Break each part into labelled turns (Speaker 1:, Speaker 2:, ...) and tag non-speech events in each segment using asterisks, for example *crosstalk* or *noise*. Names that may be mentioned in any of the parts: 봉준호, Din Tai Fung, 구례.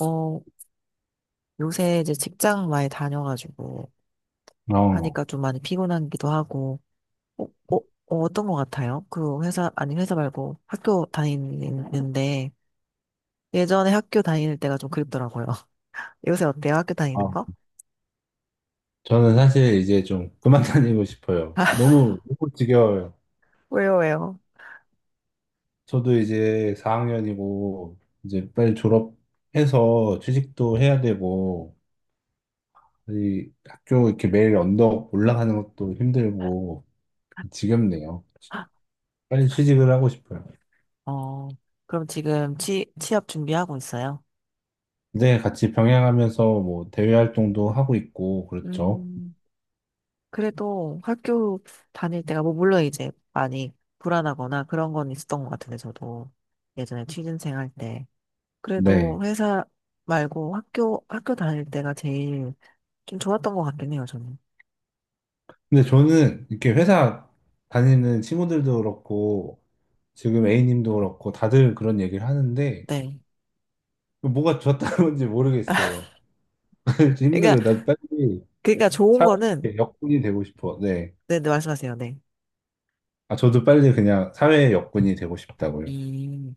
Speaker 1: 어, 요새 이제 직장 많이 다녀가지고
Speaker 2: 어,
Speaker 1: 하니까 좀 많이 피곤하기도 하고, 어, 어, 떤것 같아요? 그 회사, 아니 회사 말고 학교 다니는데 예전에 학교 다닐 때가 좀 그립더라고요. *laughs* 요새 어때요? 학교 다니는
Speaker 2: 아,
Speaker 1: 거?
Speaker 2: 저는 사실 이제 좀 그만 *laughs* 다니고 싶어요.
Speaker 1: *laughs*
Speaker 2: 너무, 너무 지겨워요.
Speaker 1: 왜요, 왜요?
Speaker 2: 저도 이제 4학년이고, 이제 빨리 졸업해서 취직도 해야 되고, 이 학교 이렇게 매일 언덕 올라가는 것도 힘들고, 지겹네요. 빨리 취직을 하고 싶어요.
Speaker 1: 어, 그럼 지금 취업 준비하고 있어요?
Speaker 2: 근데 같이 병행하면서 뭐 대외 활동도 하고 있고, 그렇죠.
Speaker 1: 음, 그래도 학교 다닐 때가, 뭐, 물론 이제 많이 불안하거나 그런 건 있었던 것 같은데, 저도 예전에 취준생 할 때. 그래도
Speaker 2: 네.
Speaker 1: 회사 말고 학교, 학교 다닐 때가 제일 좀 좋았던 것 같긴 해요, 저는.
Speaker 2: 근데 저는 이렇게 회사 다니는 친구들도 그렇고, 지금 A님도 그렇고 다들 그런 얘기를 하는데
Speaker 1: 네.
Speaker 2: 뭐가 좋았다는 건지 모르겠어요. *laughs*
Speaker 1: 그러니까,
Speaker 2: 힘들어요. 나 빨리
Speaker 1: 그러니까 좋은 거는,
Speaker 2: 사회의 역군이 되고 싶어. 네.
Speaker 1: 네, 네, 말씀하세요, 네.
Speaker 2: 아, 저도 빨리 그냥 사회의 역군이 되고 싶다고요.
Speaker 1: 음,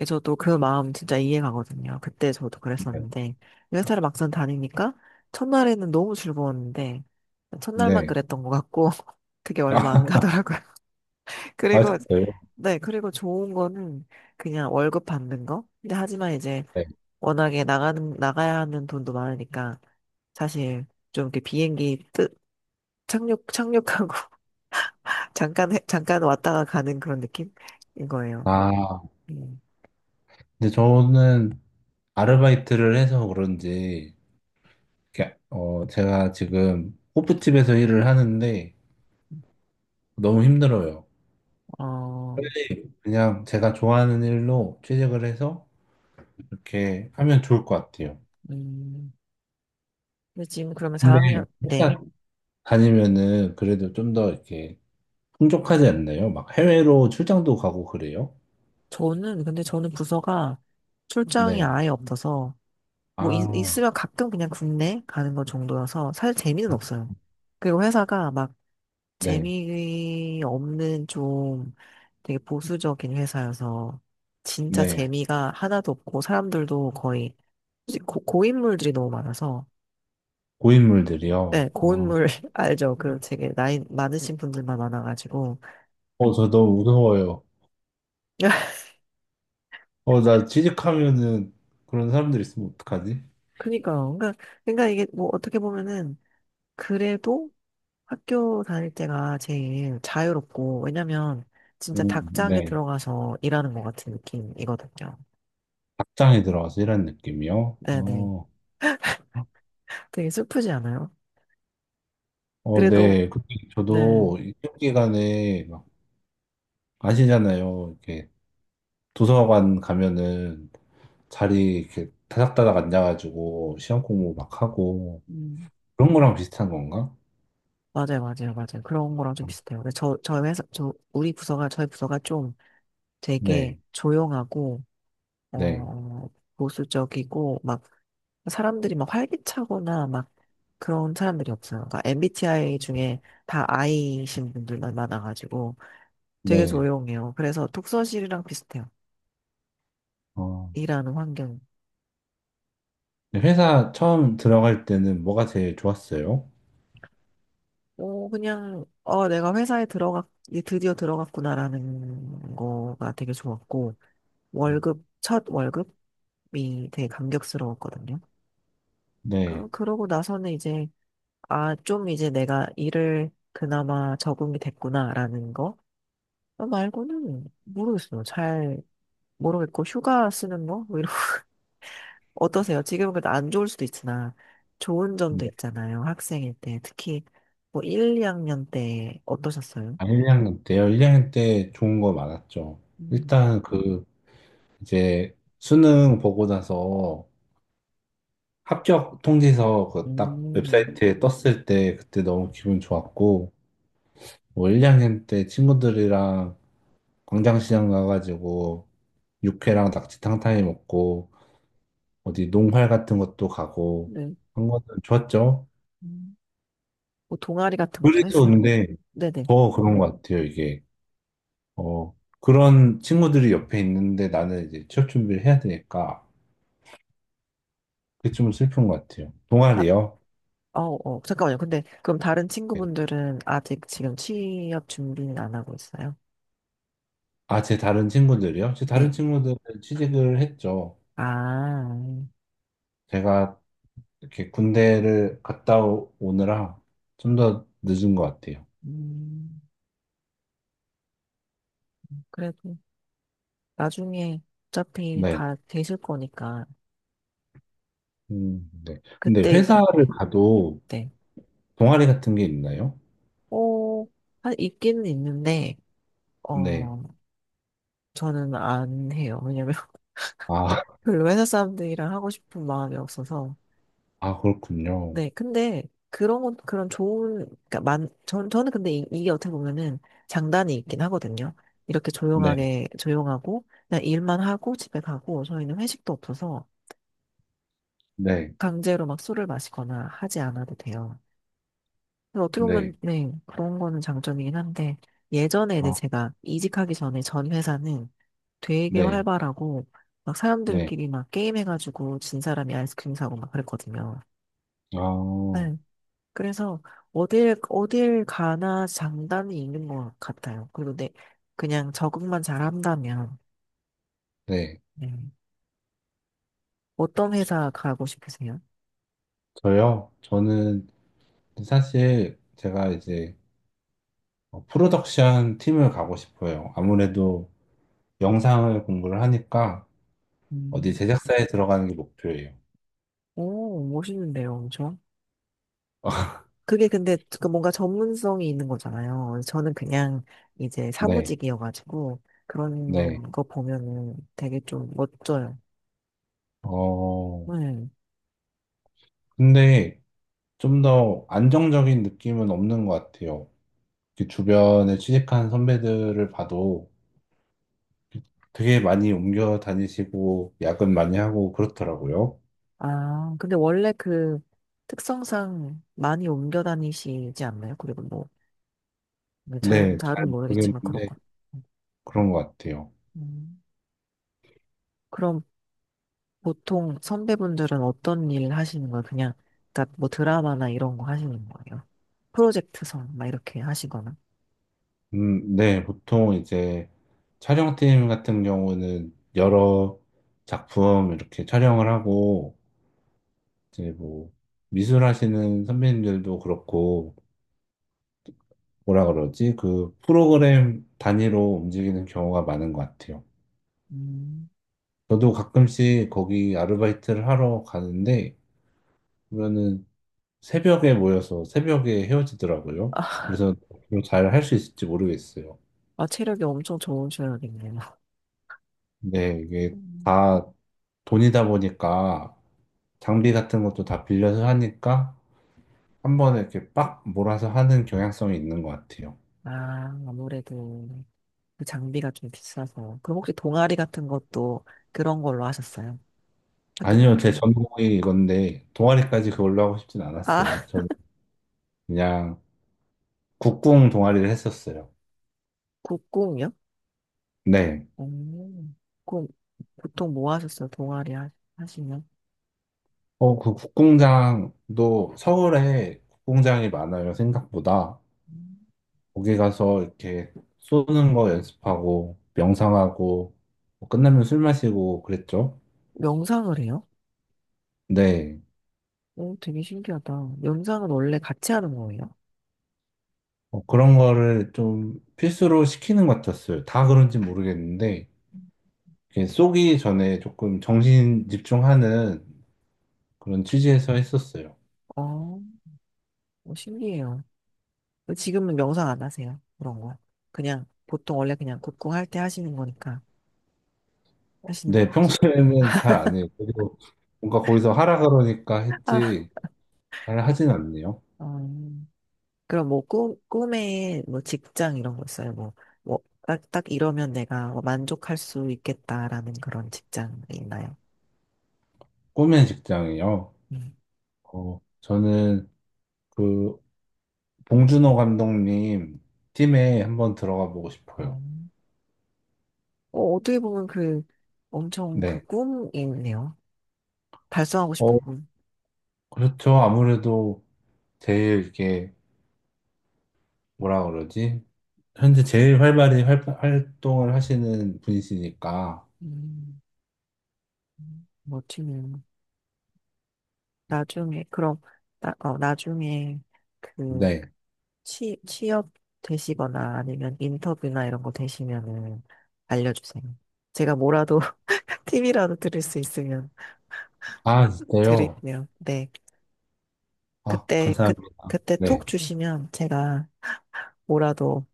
Speaker 1: 예, 저도 그 마음 진짜 이해가거든요. 그때 저도
Speaker 2: 네.
Speaker 1: 그랬었는데, 회사를 막상 다니니까, 첫날에는 너무 즐거웠는데, 첫날만
Speaker 2: 네.
Speaker 1: 그랬던 것 같고, *laughs* 그게 얼마 안
Speaker 2: 아,
Speaker 1: 가더라고요. *laughs*
Speaker 2: 아,
Speaker 1: 그리고,
Speaker 2: 진짜요?
Speaker 1: 네, 그리고 좋은 거는 그냥 월급 받는 거? 근데 하지만 이제
Speaker 2: 네.
Speaker 1: 워낙에 나가는, 나가야 하는 돈도 많으니까, 사실 좀 이렇게 비행기 뜨, 착륙, 착륙하고 *laughs* 잠깐, 잠깐 왔다가 가는 그런 느낌인 거예요.
Speaker 2: 아,
Speaker 1: 음.
Speaker 2: 근데 저는 아르바이트를 해서 그런지 이렇게, 제가 지금 호프집에서 일을 하는데 너무 힘들어요.
Speaker 1: 어,
Speaker 2: 그냥 제가 좋아하는 일로 취직을 해서 이렇게 하면 좋을 것 같아요.
Speaker 1: 음. 근데 지금 그러면
Speaker 2: 근데
Speaker 1: 4학년, 네.
Speaker 2: 회사 다니면은 그래도 좀 더 이렇게 풍족하지 않나요? 막 해외로 출장도 가고 그래요?
Speaker 1: 저는, 근데 저는 부서가 출장이
Speaker 2: 네.
Speaker 1: 아예 없어서, 뭐, 있,
Speaker 2: 아,
Speaker 1: 있으면 가끔 그냥 국내 가는 것 정도여서, 사실 재미는 없어요. 그리고 회사가 막
Speaker 2: 네.
Speaker 1: 재미없는 좀 되게 보수적인 회사여서, 진짜
Speaker 2: 네.
Speaker 1: 재미가 하나도 없고, 사람들도 거의 솔직히 고, 고인물들이 너무 많아서 네
Speaker 2: 고인물들이요.
Speaker 1: 고인물 *laughs* 알죠 그 되게 나이 많으신 분들만 많아가지고
Speaker 2: 저
Speaker 1: *laughs*
Speaker 2: 너무 무서워요.
Speaker 1: 그니까
Speaker 2: 나 취직하면은 그런 사람들 있으면 어떡하지?
Speaker 1: 그러니까 그러니까 이게 뭐 어떻게 보면은 그래도 학교 다닐 때가 제일 자유롭고 왜냐면 진짜
Speaker 2: 음,
Speaker 1: 닭장에
Speaker 2: 네.
Speaker 1: 들어가서 일하는 것 같은 느낌이거든요
Speaker 2: 닭장에 들어가서 일하는 느낌이요?
Speaker 1: 네네
Speaker 2: 어,
Speaker 1: 되게 슬프지 않아요?
Speaker 2: 어,
Speaker 1: 그래도
Speaker 2: 네. 근데
Speaker 1: 네
Speaker 2: 저도 이 시험 기간에 막 아시잖아요. 이렇게 도서관 가면은 자리 이렇게 다닥다닥 앉아가지고 시험 공부 막 하고
Speaker 1: 음,
Speaker 2: 그런 거랑 비슷한 건가?
Speaker 1: 맞아요 맞아요 맞아요 그런 거랑 좀 비슷해요 근데 저희 회사 우리 부서가 저희 부서가 좀 되게
Speaker 2: 네,
Speaker 1: 조용하고
Speaker 2: 네,
Speaker 1: 어, 보수적이고 막 사람들이 막 활기차거나 막 그런 사람들이 없어요. 그러니까 MBTI 중에 다 I이신 분들만 많아가지고 되게
Speaker 2: 네.
Speaker 1: 조용해요. 그래서 독서실이랑 비슷해요.
Speaker 2: 어,
Speaker 1: 일하는 환경.
Speaker 2: 네, 회사 처음 들어갈 때는 뭐가 제일 좋았어요?
Speaker 1: 어, 그냥 어, 내가 회사에 들어갔 이제 드디어 들어갔구나라는 거가 되게 좋았고 월급 첫 월급이 되게 감격스러웠거든요.
Speaker 2: 네,
Speaker 1: 그러고 나서는 이제 아, 좀 이제 내가 일을 그나마 적응이 됐구나라는 거 어, 말고는 모르겠어요. 잘 모르겠고 휴가 쓰는 거? 뭐 이런 *laughs* 어떠세요? 지금은 그래도 안 좋을 수도 있으나 좋은 점도
Speaker 2: 네.
Speaker 1: 있잖아요. 학생일 때 특히 뭐 1, 2학년 때 어떠셨어요?
Speaker 2: 아, 1학년 때요. 1학년 때 좋은 거 많았죠.
Speaker 1: 음,
Speaker 2: 일단 그 이제 수능 보고 나서 합격 통지서 그 딱
Speaker 1: 음,
Speaker 2: 웹사이트에 떴을 때 그때 너무 기분 좋았고 뭐 1학년 때 친구들이랑 광장시장 가가지고 육회랑 낙지탕탕이 먹고 어디 농활 같은 것도 가고
Speaker 1: 네.
Speaker 2: 한거은 좋았죠.
Speaker 1: 음. 뭐 동아리 같은 것도
Speaker 2: 그래서
Speaker 1: 했어요.
Speaker 2: 근데
Speaker 1: 네네.
Speaker 2: 더 그런 것 같아요. 이게 어 그런 친구들이 옆에 있는데 나는 이제 취업 준비를 해야 되니까 그게 좀 슬픈 것 같아요.
Speaker 1: 다,
Speaker 2: 동아리요?
Speaker 1: 어, 어, 잠깐만요. 근데 그럼 다른
Speaker 2: 네.
Speaker 1: 친구분들은 아직 지금 취업 준비는 안 하고 있어요?
Speaker 2: 아, 제 다른 친구들이요? 제 다른
Speaker 1: 네.
Speaker 2: 친구들은 취직을 했죠.
Speaker 1: 아,
Speaker 2: 제가 이렇게 군대를 갔다 오느라 좀 더 늦은 것 같아요.
Speaker 1: 음, 그래도 나중에 어차피
Speaker 2: 네.
Speaker 1: 다 되실 거니까
Speaker 2: 네. 근데
Speaker 1: 그때 이제
Speaker 2: 회사를
Speaker 1: 네,
Speaker 2: 가도
Speaker 1: 네.
Speaker 2: 동아리 같은 게 있나요?
Speaker 1: 어, 한 있기는 있는데
Speaker 2: 네.
Speaker 1: 어 저는 안 해요. 왜냐면 *laughs*
Speaker 2: 아, *laughs*
Speaker 1: 별로 회사 사람들이랑 하고 싶은 마음이 없어서.
Speaker 2: 아, 그렇군요.
Speaker 1: 네, 근데 그런 건 그런 좋은 그러니까 만 전, 저는 근데 이, 이게 어떻게 보면은 장단이 있긴 하거든요. 이렇게
Speaker 2: 네,
Speaker 1: 조용하게 조용하고 그냥 일만 하고 집에 가고 저희는 회식도 없어서
Speaker 2: 네,
Speaker 1: 강제로 막 술을 마시거나 하지 않아도 돼요. 그래서 어떻게 보면,
Speaker 2: 네.
Speaker 1: 네, 그런 거는 장점이긴 한데, 예전에 이제
Speaker 2: 아,
Speaker 1: 제가 이직하기 전에 전 회사는 되게
Speaker 2: 네,
Speaker 1: 활발하고, 막
Speaker 2: 네.
Speaker 1: 사람들끼리 막 게임해가지고 진 사람이 아이스크림 사고 막 그랬거든요.
Speaker 2: 아,
Speaker 1: 네. 그래서 어딜, 어딜 가나 장단이 있는 것 같아요. 그리고 내, 그냥 적응만 잘한다면,
Speaker 2: 네.
Speaker 1: 네. 어떤 회사 가고 싶으세요?
Speaker 2: 저요? 저는 사실 제가 이제 프로덕션 팀을 가고 싶어요. 아무래도 영상을 공부를 하니까 어디
Speaker 1: 음,
Speaker 2: 제작사에 들어가는 게 목표예요.
Speaker 1: 오, 멋있는데요, 엄
Speaker 2: *laughs*
Speaker 1: 그게 근데 그 뭔가 전문성이 있는 거잖아요. 저는 그냥 이제
Speaker 2: 네,
Speaker 1: 사무직이어가지고
Speaker 2: 네.
Speaker 1: 그런 거 보면은 되게 좀 멋져요.
Speaker 2: 어,
Speaker 1: 네.
Speaker 2: 근데 좀 더 안정적인 느낌은 없는 것 같아요. 그 주변에 취직한 선배들을 봐도 되게 많이 옮겨 다니시고 야근 많이 하고 그렇더라고요.
Speaker 1: 아, 근데 원래 그 특성상 많이 옮겨 다니시지 않나요? 그리고 뭐, 뭐 잘,
Speaker 2: 네, 잘
Speaker 1: 잘은 모르겠지만
Speaker 2: 모르겠는데
Speaker 1: 그렇고.
Speaker 2: 그런 것 같아요.
Speaker 1: 음. 그럼 보통 선배분들은 어떤 일 하시는 거예요? 그냥, 그러니까 뭐 드라마나 이런 거 하시는 거예요? 프로젝트성 막 이렇게 하시거나.
Speaker 2: 네, 보통 이제 촬영팀 같은 경우는 여러 작품 이렇게 촬영을 하고 이제 뭐 미술하시는 선배님들도 그렇고 뭐라 그러지? 그 프로그램 단위로 움직이는 경우가 많은 것 같아요.
Speaker 1: 음.
Speaker 2: 저도 가끔씩 거기 아르바이트를 하러 가는데 보면은 새벽에 모여서 새벽에 헤어지더라고요.
Speaker 1: 아,
Speaker 2: 그래서 잘 할 수 있을지 모르겠어요.
Speaker 1: 아, 체력이 엄청 좋으셔야겠네요.
Speaker 2: 네, 이게
Speaker 1: 음.
Speaker 2: 다 돈이다 보니까 장비 같은 것도 다 빌려서 하니까 한 번에 이렇게 빡 몰아서 하는 경향성이 있는 것 같아요.
Speaker 1: 아, 아무래도 그 장비가 좀 비싸서. 그럼 혹시 동아리 같은 것도 그런 걸로 하셨어요? 학교
Speaker 2: 아니요, 제
Speaker 1: 다니고?
Speaker 2: 전공이 이건데 동아리까지 그걸로 하고 싶진 않았어요.
Speaker 1: 아, *laughs*
Speaker 2: 저는 그냥 국궁 동아리를 했었어요.
Speaker 1: 국공이요?
Speaker 2: 네.
Speaker 1: 오 그럼 보통 뭐 하셨어요? 하시면?
Speaker 2: 그 국궁장도 서울에 국궁장이 많아요, 생각보다. 거기 가서 이렇게 쏘는 거 연습하고 명상하고 뭐 끝나면 술 마시고 그랬죠.
Speaker 1: 명상을 해요?
Speaker 2: 네.
Speaker 1: 오, 되게 신기하다. 명상은 원래 같이 하는 거예요?
Speaker 2: 그런 거를 좀 필수로 시키는 것 같았어요. 다 그런지 모르겠는데 이렇게 쏘기 전에 조금 정신 집중하는 그런 취지에서 했었어요.
Speaker 1: 어, 어, 신기해요. 지금은 명상 안 하세요? 그런 거. 그냥, 보통 원래 그냥 국궁 할 때 하시는 거니까. 하시는, 거
Speaker 2: 네,
Speaker 1: 하시,
Speaker 2: 평소에는 잘 안 해요. 그리고 뭔가 거기서 하라 그러니까
Speaker 1: 아,
Speaker 2: 했지 잘 하진 않네요.
Speaker 1: 어. 그럼 뭐 꿈, 꿈에 뭐 직장 이런 거 있어요? 뭐, 뭐, 딱, 딱 이러면 내가 뭐 만족할 수 있겠다라는 그런 직장이 있나요?
Speaker 2: 꿈의 직장이요.
Speaker 1: 음.
Speaker 2: 저는 그 봉준호 감독님 팀에 한번 들어가 보고 싶어요.
Speaker 1: 음. 어, 어떻게 보면 그 엄청 그
Speaker 2: 네.
Speaker 1: 꿈이네요. 달성하고 싶은
Speaker 2: 어,
Speaker 1: 꿈.
Speaker 2: 그렇죠. 아무래도 제일 이렇게 뭐라 그러지? 현재 제일 활발히 활동을 하시는 분이시니까.
Speaker 1: 음, 멋지네요. 나중에, 그럼, 나, 어, 나중에 그
Speaker 2: 네.
Speaker 1: 취업 되시거나 아니면 인터뷰나 이런 거 되시면은 알려주세요. 제가 뭐라도 *laughs* 팁이라도 드릴 수 있으면.
Speaker 2: 아, 진짜요?
Speaker 1: 드릴게요. 네.
Speaker 2: 아,
Speaker 1: 그때, 그,
Speaker 2: 감사합니다.
Speaker 1: 그때
Speaker 2: 네.
Speaker 1: 톡 주시면 제가 뭐라도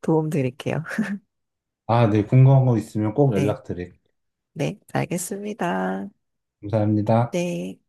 Speaker 1: 도움 드릴게요. *laughs*
Speaker 2: 아, 네. 궁금한 거 있으면 꼭
Speaker 1: 네.
Speaker 2: 연락드릴게요.
Speaker 1: 네. 알겠습니다.
Speaker 2: 감사합니다.
Speaker 1: 네.